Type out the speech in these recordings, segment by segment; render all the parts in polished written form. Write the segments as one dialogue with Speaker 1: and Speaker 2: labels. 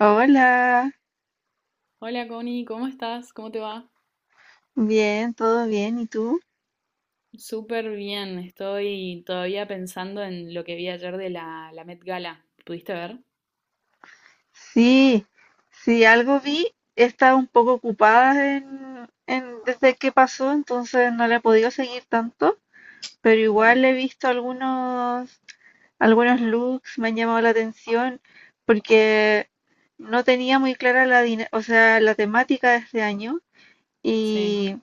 Speaker 1: Hola,
Speaker 2: Hola Connie, ¿cómo estás? ¿Cómo te va?
Speaker 1: bien, todo bien, ¿y tú?
Speaker 2: Súper bien, estoy todavía pensando en lo que vi ayer de la Met Gala. ¿Pudiste ver?
Speaker 1: Sí, sí, algo vi, he estado un poco ocupada desde que pasó, entonces no la he podido seguir tanto, pero
Speaker 2: Ajá.
Speaker 1: igual he visto algunos, algunos looks, me han llamado la atención, porque no tenía muy clara la, dina- o sea, la temática de este año,
Speaker 2: Sí,
Speaker 1: y,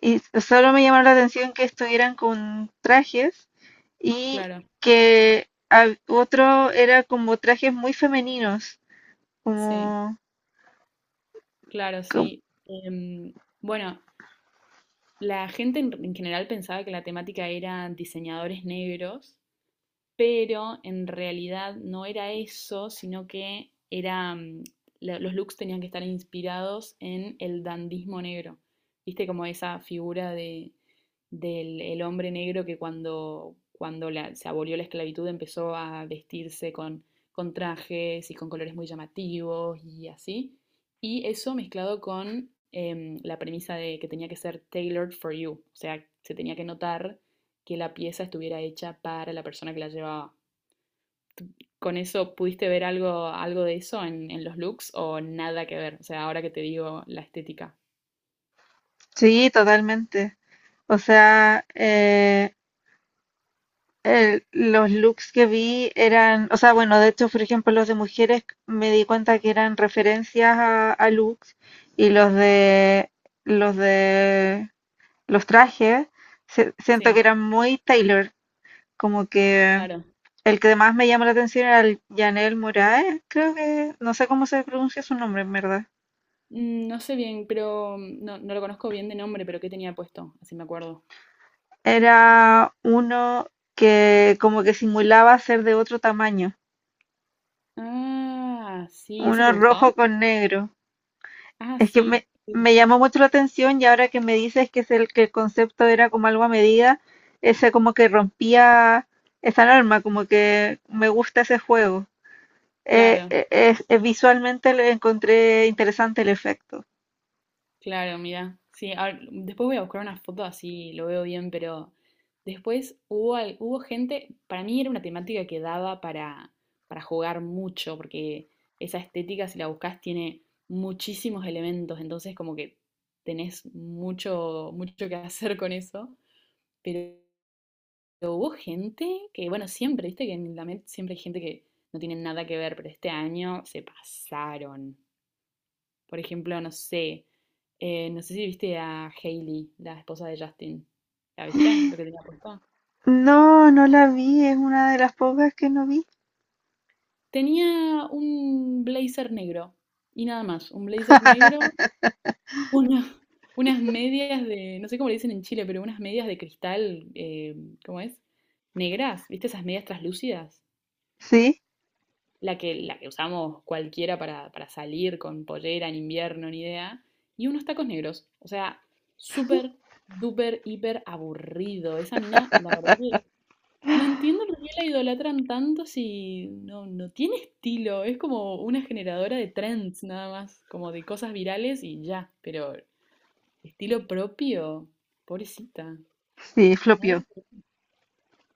Speaker 1: y solo me llamó la atención que estuvieran con trajes y
Speaker 2: claro,
Speaker 1: que otro era como trajes muy femeninos,
Speaker 2: sí,
Speaker 1: como,
Speaker 2: claro,
Speaker 1: co-
Speaker 2: sí. Em, bueno, la gente en general pensaba que la temática era diseñadores negros, pero en realidad no era eso, sino que era, los looks tenían que estar inspirados en el dandismo negro. ¿Viste como esa figura de del el hombre negro que cuando, se abolió la esclavitud empezó a vestirse con trajes y con colores muy llamativos y así? Y eso mezclado con la premisa de que tenía que ser tailored for you, o sea, se tenía que notar que la pieza estuviera hecha para la persona que la llevaba. ¿Con eso pudiste ver algo, algo de eso en los looks o nada que ver? O sea, ahora que te digo la estética.
Speaker 1: sí, totalmente. O sea, los looks que vi eran, o sea, bueno, de hecho, por ejemplo, los de mujeres me di cuenta que eran referencias a looks y los de los trajes siento que
Speaker 2: Sí,
Speaker 1: eran muy Taylor. Como que
Speaker 2: claro.
Speaker 1: el que más me llamó la atención era el Janel Moraes, creo que, no sé cómo se pronuncia su nombre en verdad.
Speaker 2: Mm, no sé bien, pero no, no lo conozco bien de nombre, pero ¿qué tenía puesto? Así me acuerdo.
Speaker 1: Era uno que como que simulaba ser de otro tamaño,
Speaker 2: Ah, sí, ¿ese te
Speaker 1: uno
Speaker 2: gustó?
Speaker 1: rojo con negro.
Speaker 2: Ah,
Speaker 1: Es que
Speaker 2: sí, sí,
Speaker 1: me llamó mucho la atención y ahora que me dices que es el que el concepto era como algo a medida, ese como que rompía esa norma, como que me gusta ese juego.
Speaker 2: claro,
Speaker 1: Visualmente le encontré interesante el efecto.
Speaker 2: claro, mira. Sí, después voy a buscar una foto así lo veo bien, pero después hubo, hubo gente. Para mí era una temática que daba para jugar mucho, porque esa estética, si la buscas, tiene muchísimos elementos, entonces como que tenés mucho, mucho que hacer con eso. Pero hubo gente que, bueno, siempre, viste que en la Met siempre hay gente que no tiene nada que ver, pero este año se pasaron. Por ejemplo, no sé, no sé si viste a Hailey, la esposa de Justin. ¿La viste? Lo que tenía puesto.
Speaker 1: No, no la vi, es una de las pocas que no vi.
Speaker 2: Tenía un blazer negro y nada más, un blazer negro, una- unas medias de, no sé cómo le dicen en Chile, pero unas medias de cristal, ¿cómo es? Negras, ¿viste esas medias traslúcidas?
Speaker 1: Sí,
Speaker 2: La que, la que usamos cualquiera para salir con pollera en invierno, ni idea, y unos tacos negros. O sea, súper, duper, hiper aburrido. Esa mina, la verdad que no entiendo por qué la idolatran tanto si no, no tiene estilo. Es como una generadora de trends nada más, como de cosas virales y ya, pero estilo propio, pobrecita.
Speaker 1: sí, flopió.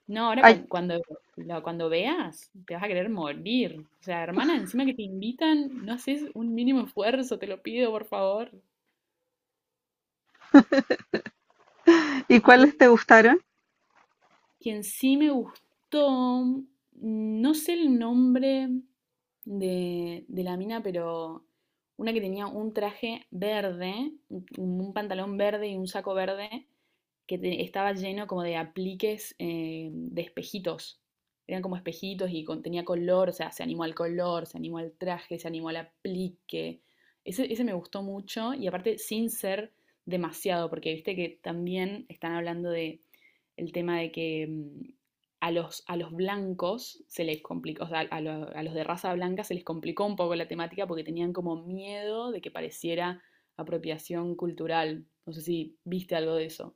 Speaker 2: No, ahora
Speaker 1: Ay,
Speaker 2: veas, te vas a querer morir. O sea, hermana, encima que te invitan, no haces un mínimo esfuerzo, te lo pido, por favor.
Speaker 1: ¿y cuáles
Speaker 2: Y
Speaker 1: te gustaron?
Speaker 2: quien sí me gustó, mm, no sé el nombre de la mina, pero una que tenía un traje verde, un pantalón verde y un saco verde, estaba lleno como de apliques de espejitos. Eran como espejitos y tenía color, o sea, se animó al color, se animó al traje, se animó al aplique. Ese me gustó mucho y aparte sin ser demasiado, porque viste que también están hablando de el tema de que a los blancos se les complicó, o sea, a los de raza blanca se les complicó un poco la temática porque tenían como miedo de que pareciera apropiación cultural. No sé si viste algo de eso.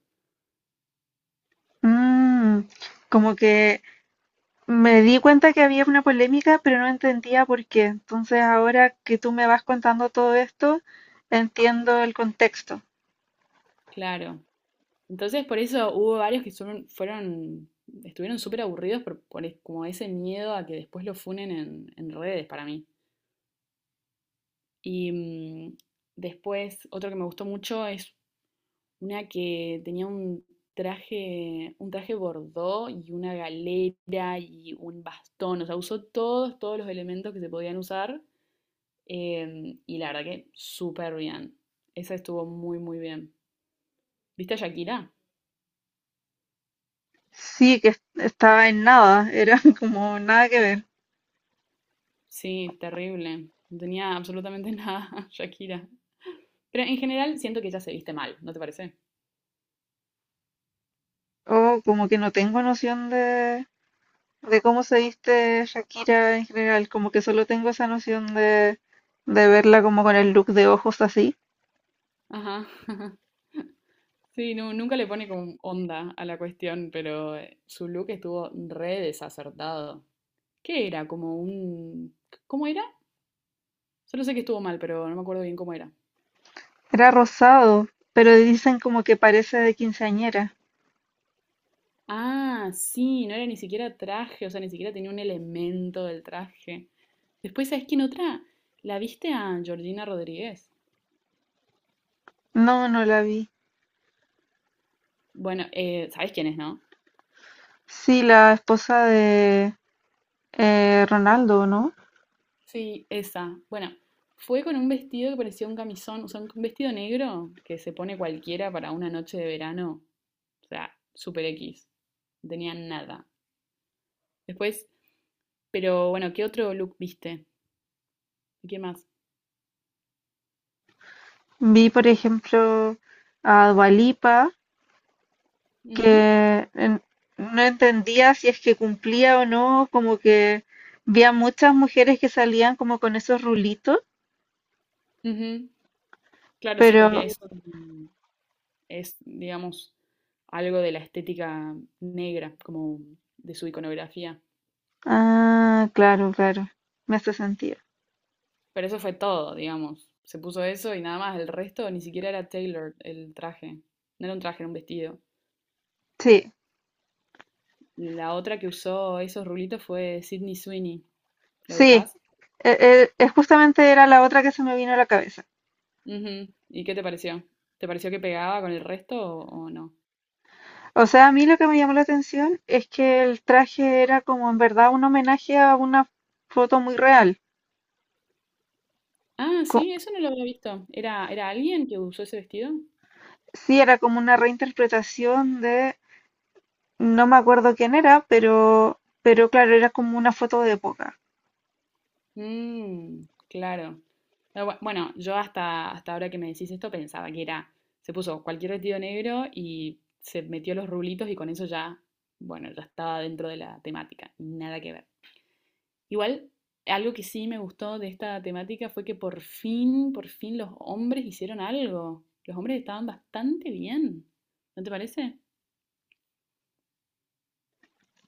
Speaker 1: Mm, como que me di cuenta que había una polémica, pero no entendía por qué. Entonces, ahora que tú me vas contando todo esto, entiendo el contexto.
Speaker 2: Claro. Entonces, por eso hubo varios que fueron, estuvieron súper aburridos por, como ese miedo a que después lo funen en redes para mí. Y después, otro que me gustó mucho es una que tenía un traje bordó y una galera y un bastón. O sea, usó todos, todos los elementos que se podían usar. Y la verdad que súper bien. Esa estuvo muy, muy bien. ¿Viste a Shakira?
Speaker 1: Sí, estaba en nada, era como nada que ver.
Speaker 2: Sí, terrible. No tenía absolutamente nada, Shakira. Pero en general siento que ella se viste mal, ¿no te parece?
Speaker 1: O como que no tengo noción de cómo se viste Shakira en general, como que solo tengo esa noción de verla como con el look de ojos así.
Speaker 2: Ajá. Sí, no, nunca le pone como onda a la cuestión, pero su look estuvo re desacertado. ¿Qué era? Como un... ¿Cómo era? Solo sé que estuvo mal, pero no me acuerdo bien cómo era.
Speaker 1: Era rosado, pero dicen como que parece de quinceañera.
Speaker 2: Ah, sí, no era ni siquiera traje, o sea, ni siquiera tenía un elemento del traje. Después, ¿sabes quién otra? La viste a Georgina Rodríguez.
Speaker 1: No, no la vi.
Speaker 2: Bueno, ¿sabes quién es, no?
Speaker 1: Sí, la esposa de Ronaldo, ¿no?
Speaker 2: Sí, esa. Bueno, fue con un vestido que parecía un camisón, o sea, un vestido negro que se pone cualquiera para una noche de verano. O sea, super X. No tenía nada. Después, pero bueno, ¿qué otro look viste? ¿Y qué más?
Speaker 1: Vi, por ejemplo, a Dua Lipa,
Speaker 2: Ujú,
Speaker 1: que en- no entendía si es que cumplía o no, como que vi a muchas mujeres que salían como con esos rulitos,
Speaker 2: ujú. Claro, sí,
Speaker 1: pero
Speaker 2: porque digamos, algo de la estética negra, como de su iconografía.
Speaker 1: Ah, claro, claro. Me hace sentido.
Speaker 2: Pero eso fue todo, digamos. Se puso eso y nada más. El resto ni siquiera era Taylor el traje. No era un traje, era un vestido.
Speaker 1: Sí,
Speaker 2: La otra que usó esos rulitos fue Sydney Sweeney. ¿La
Speaker 1: sí.
Speaker 2: ubicás?
Speaker 1: Es justamente era la otra que se me vino a la cabeza.
Speaker 2: Ujú. ¿Y qué te pareció? ¿Te pareció que pegaba con el resto o no?
Speaker 1: O sea, a mí lo que me llamó la atención es que el traje era como en verdad un homenaje a una foto muy real.
Speaker 2: Ah,
Speaker 1: Co-
Speaker 2: sí, eso no lo había visto. ¿Era, era alguien que usó ese vestido?
Speaker 1: sí, era como una reinterpretación de, no me acuerdo quién era, pero claro, era como una foto de época.
Speaker 2: Mmm, claro. Pero bueno, yo hasta, hasta ahora que me decís esto pensaba que era, se puso cualquier vestido negro y se metió los rulitos y con eso ya, bueno, ya estaba dentro de la temática, nada que ver. Igual, algo que sí me gustó de esta temática fue que por fin los hombres hicieron algo. Los hombres estaban bastante bien, ¿no te parece?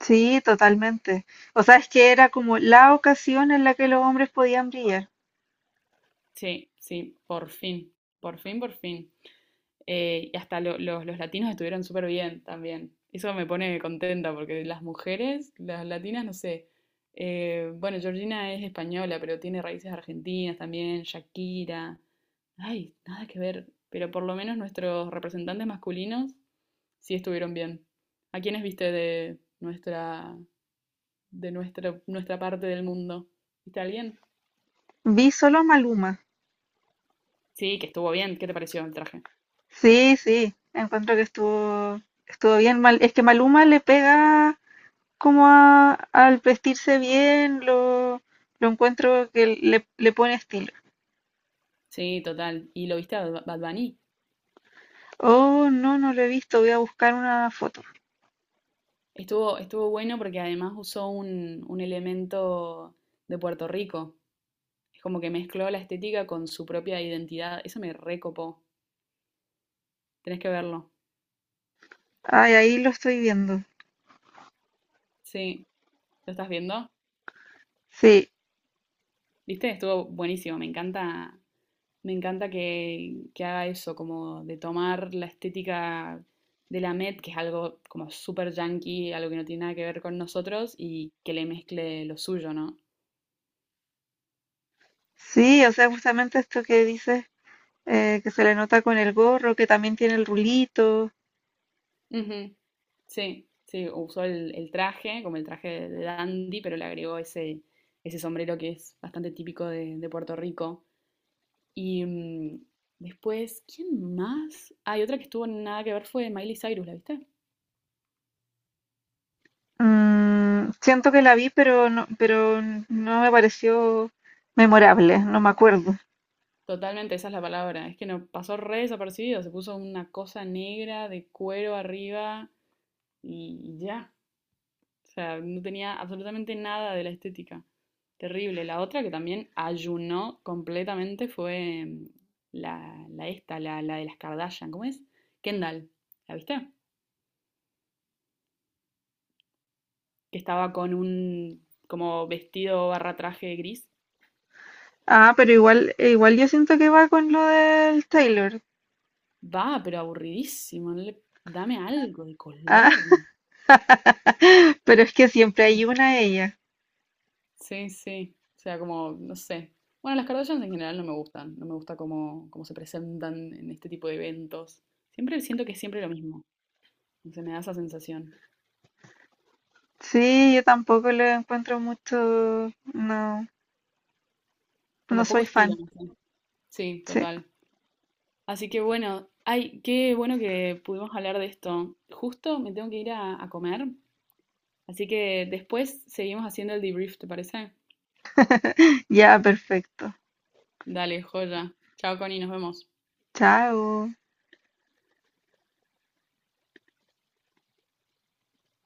Speaker 1: Sí, totalmente. O sea, es que era como la ocasión en la que los hombres podían brillar.
Speaker 2: Sí, sí, por fin, por fin, por fin. Y hasta los latinos estuvieron súper bien también. Eso me pone contenta porque las mujeres, las latinas, no sé. Bueno, Georgina es española, pero tiene raíces argentinas también, Shakira. Ay, nada que ver. Pero por lo menos nuestros representantes masculinos sí estuvieron bien. ¿A quiénes viste de nuestra, nuestra parte del mundo? ¿Viste a alguien?
Speaker 1: Vi solo a Maluma.
Speaker 2: Sí, que estuvo bien. ¿Qué te pareció el traje?
Speaker 1: Sí, sí, encuentro que estuvo, estuvo bien mal. Es que Maluma le pega como al vestirse bien, lo encuentro que le pone estilo.
Speaker 2: Sí, total. ¿Y lo viste a Bad Bunny?
Speaker 1: Oh, no, no lo he visto, voy a buscar una foto.
Speaker 2: Estuvo, estuvo bueno porque además usó un elemento de Puerto Rico. Es como que mezcló la estética con su propia identidad. Eso me recopó. Tenés que verlo.
Speaker 1: Ay, ahí lo estoy viendo.
Speaker 2: Sí. ¿Lo estás viendo?
Speaker 1: Sí,
Speaker 2: ¿Viste? Estuvo buenísimo. Me encanta que haga eso, como de tomar la estética de la Met, que es algo como súper yankee, algo que no tiene nada que ver con nosotros, y que le mezcle lo suyo, ¿no?
Speaker 1: sí, o sea, justamente esto que dices, que se le nota con el gorro, que también tiene el rulito.
Speaker 2: Ujú. Sí, sí, usó el traje, como el traje de dandy, pero le agregó ese, ese sombrero que es bastante típico de Puerto Rico. Y después, ¿quién más? Hay otra que estuvo nada que ver fue Miley Cyrus, ¿la viste?
Speaker 1: Mm, siento que la vi, pero no me pareció memorable, no me acuerdo.
Speaker 2: Totalmente, esa es la palabra. Es que no pasó re desapercibido, se puso una cosa negra de cuero arriba y ya. O sea, no tenía absolutamente nada de la estética. Terrible. La otra que también ayunó completamente fue la de las Kardashian. ¿Cómo es? Kendall. ¿La viste? Que estaba con un como vestido barra traje gris.
Speaker 1: Ah, pero igual, igual yo siento que va con lo del Taylor.
Speaker 2: Va, pero aburridísimo. No le- dame algo de
Speaker 1: Ah,
Speaker 2: color.
Speaker 1: pero es que siempre hay una ella.
Speaker 2: Sí, sí. O sea, como, no sé. Bueno, las Kardashians en general no me gustan. No me gusta cómo, cómo se presentan en este tipo de eventos. Siempre siento que es siempre lo mismo. Se me da esa sensación.
Speaker 1: Sí, yo tampoco lo encuentro mucho. No, no
Speaker 2: Como poco
Speaker 1: soy
Speaker 2: estilo,
Speaker 1: fan.
Speaker 2: no sé. Sí,
Speaker 1: Sí.
Speaker 2: total. Así que bueno, ay, qué bueno que pudimos hablar de esto. Justo me tengo que ir a comer, así que después seguimos haciendo el debrief, ¿te parece?
Speaker 1: Ya, perfecto.
Speaker 2: Dale, joya. Chao, Connie, nos vemos.
Speaker 1: Chao.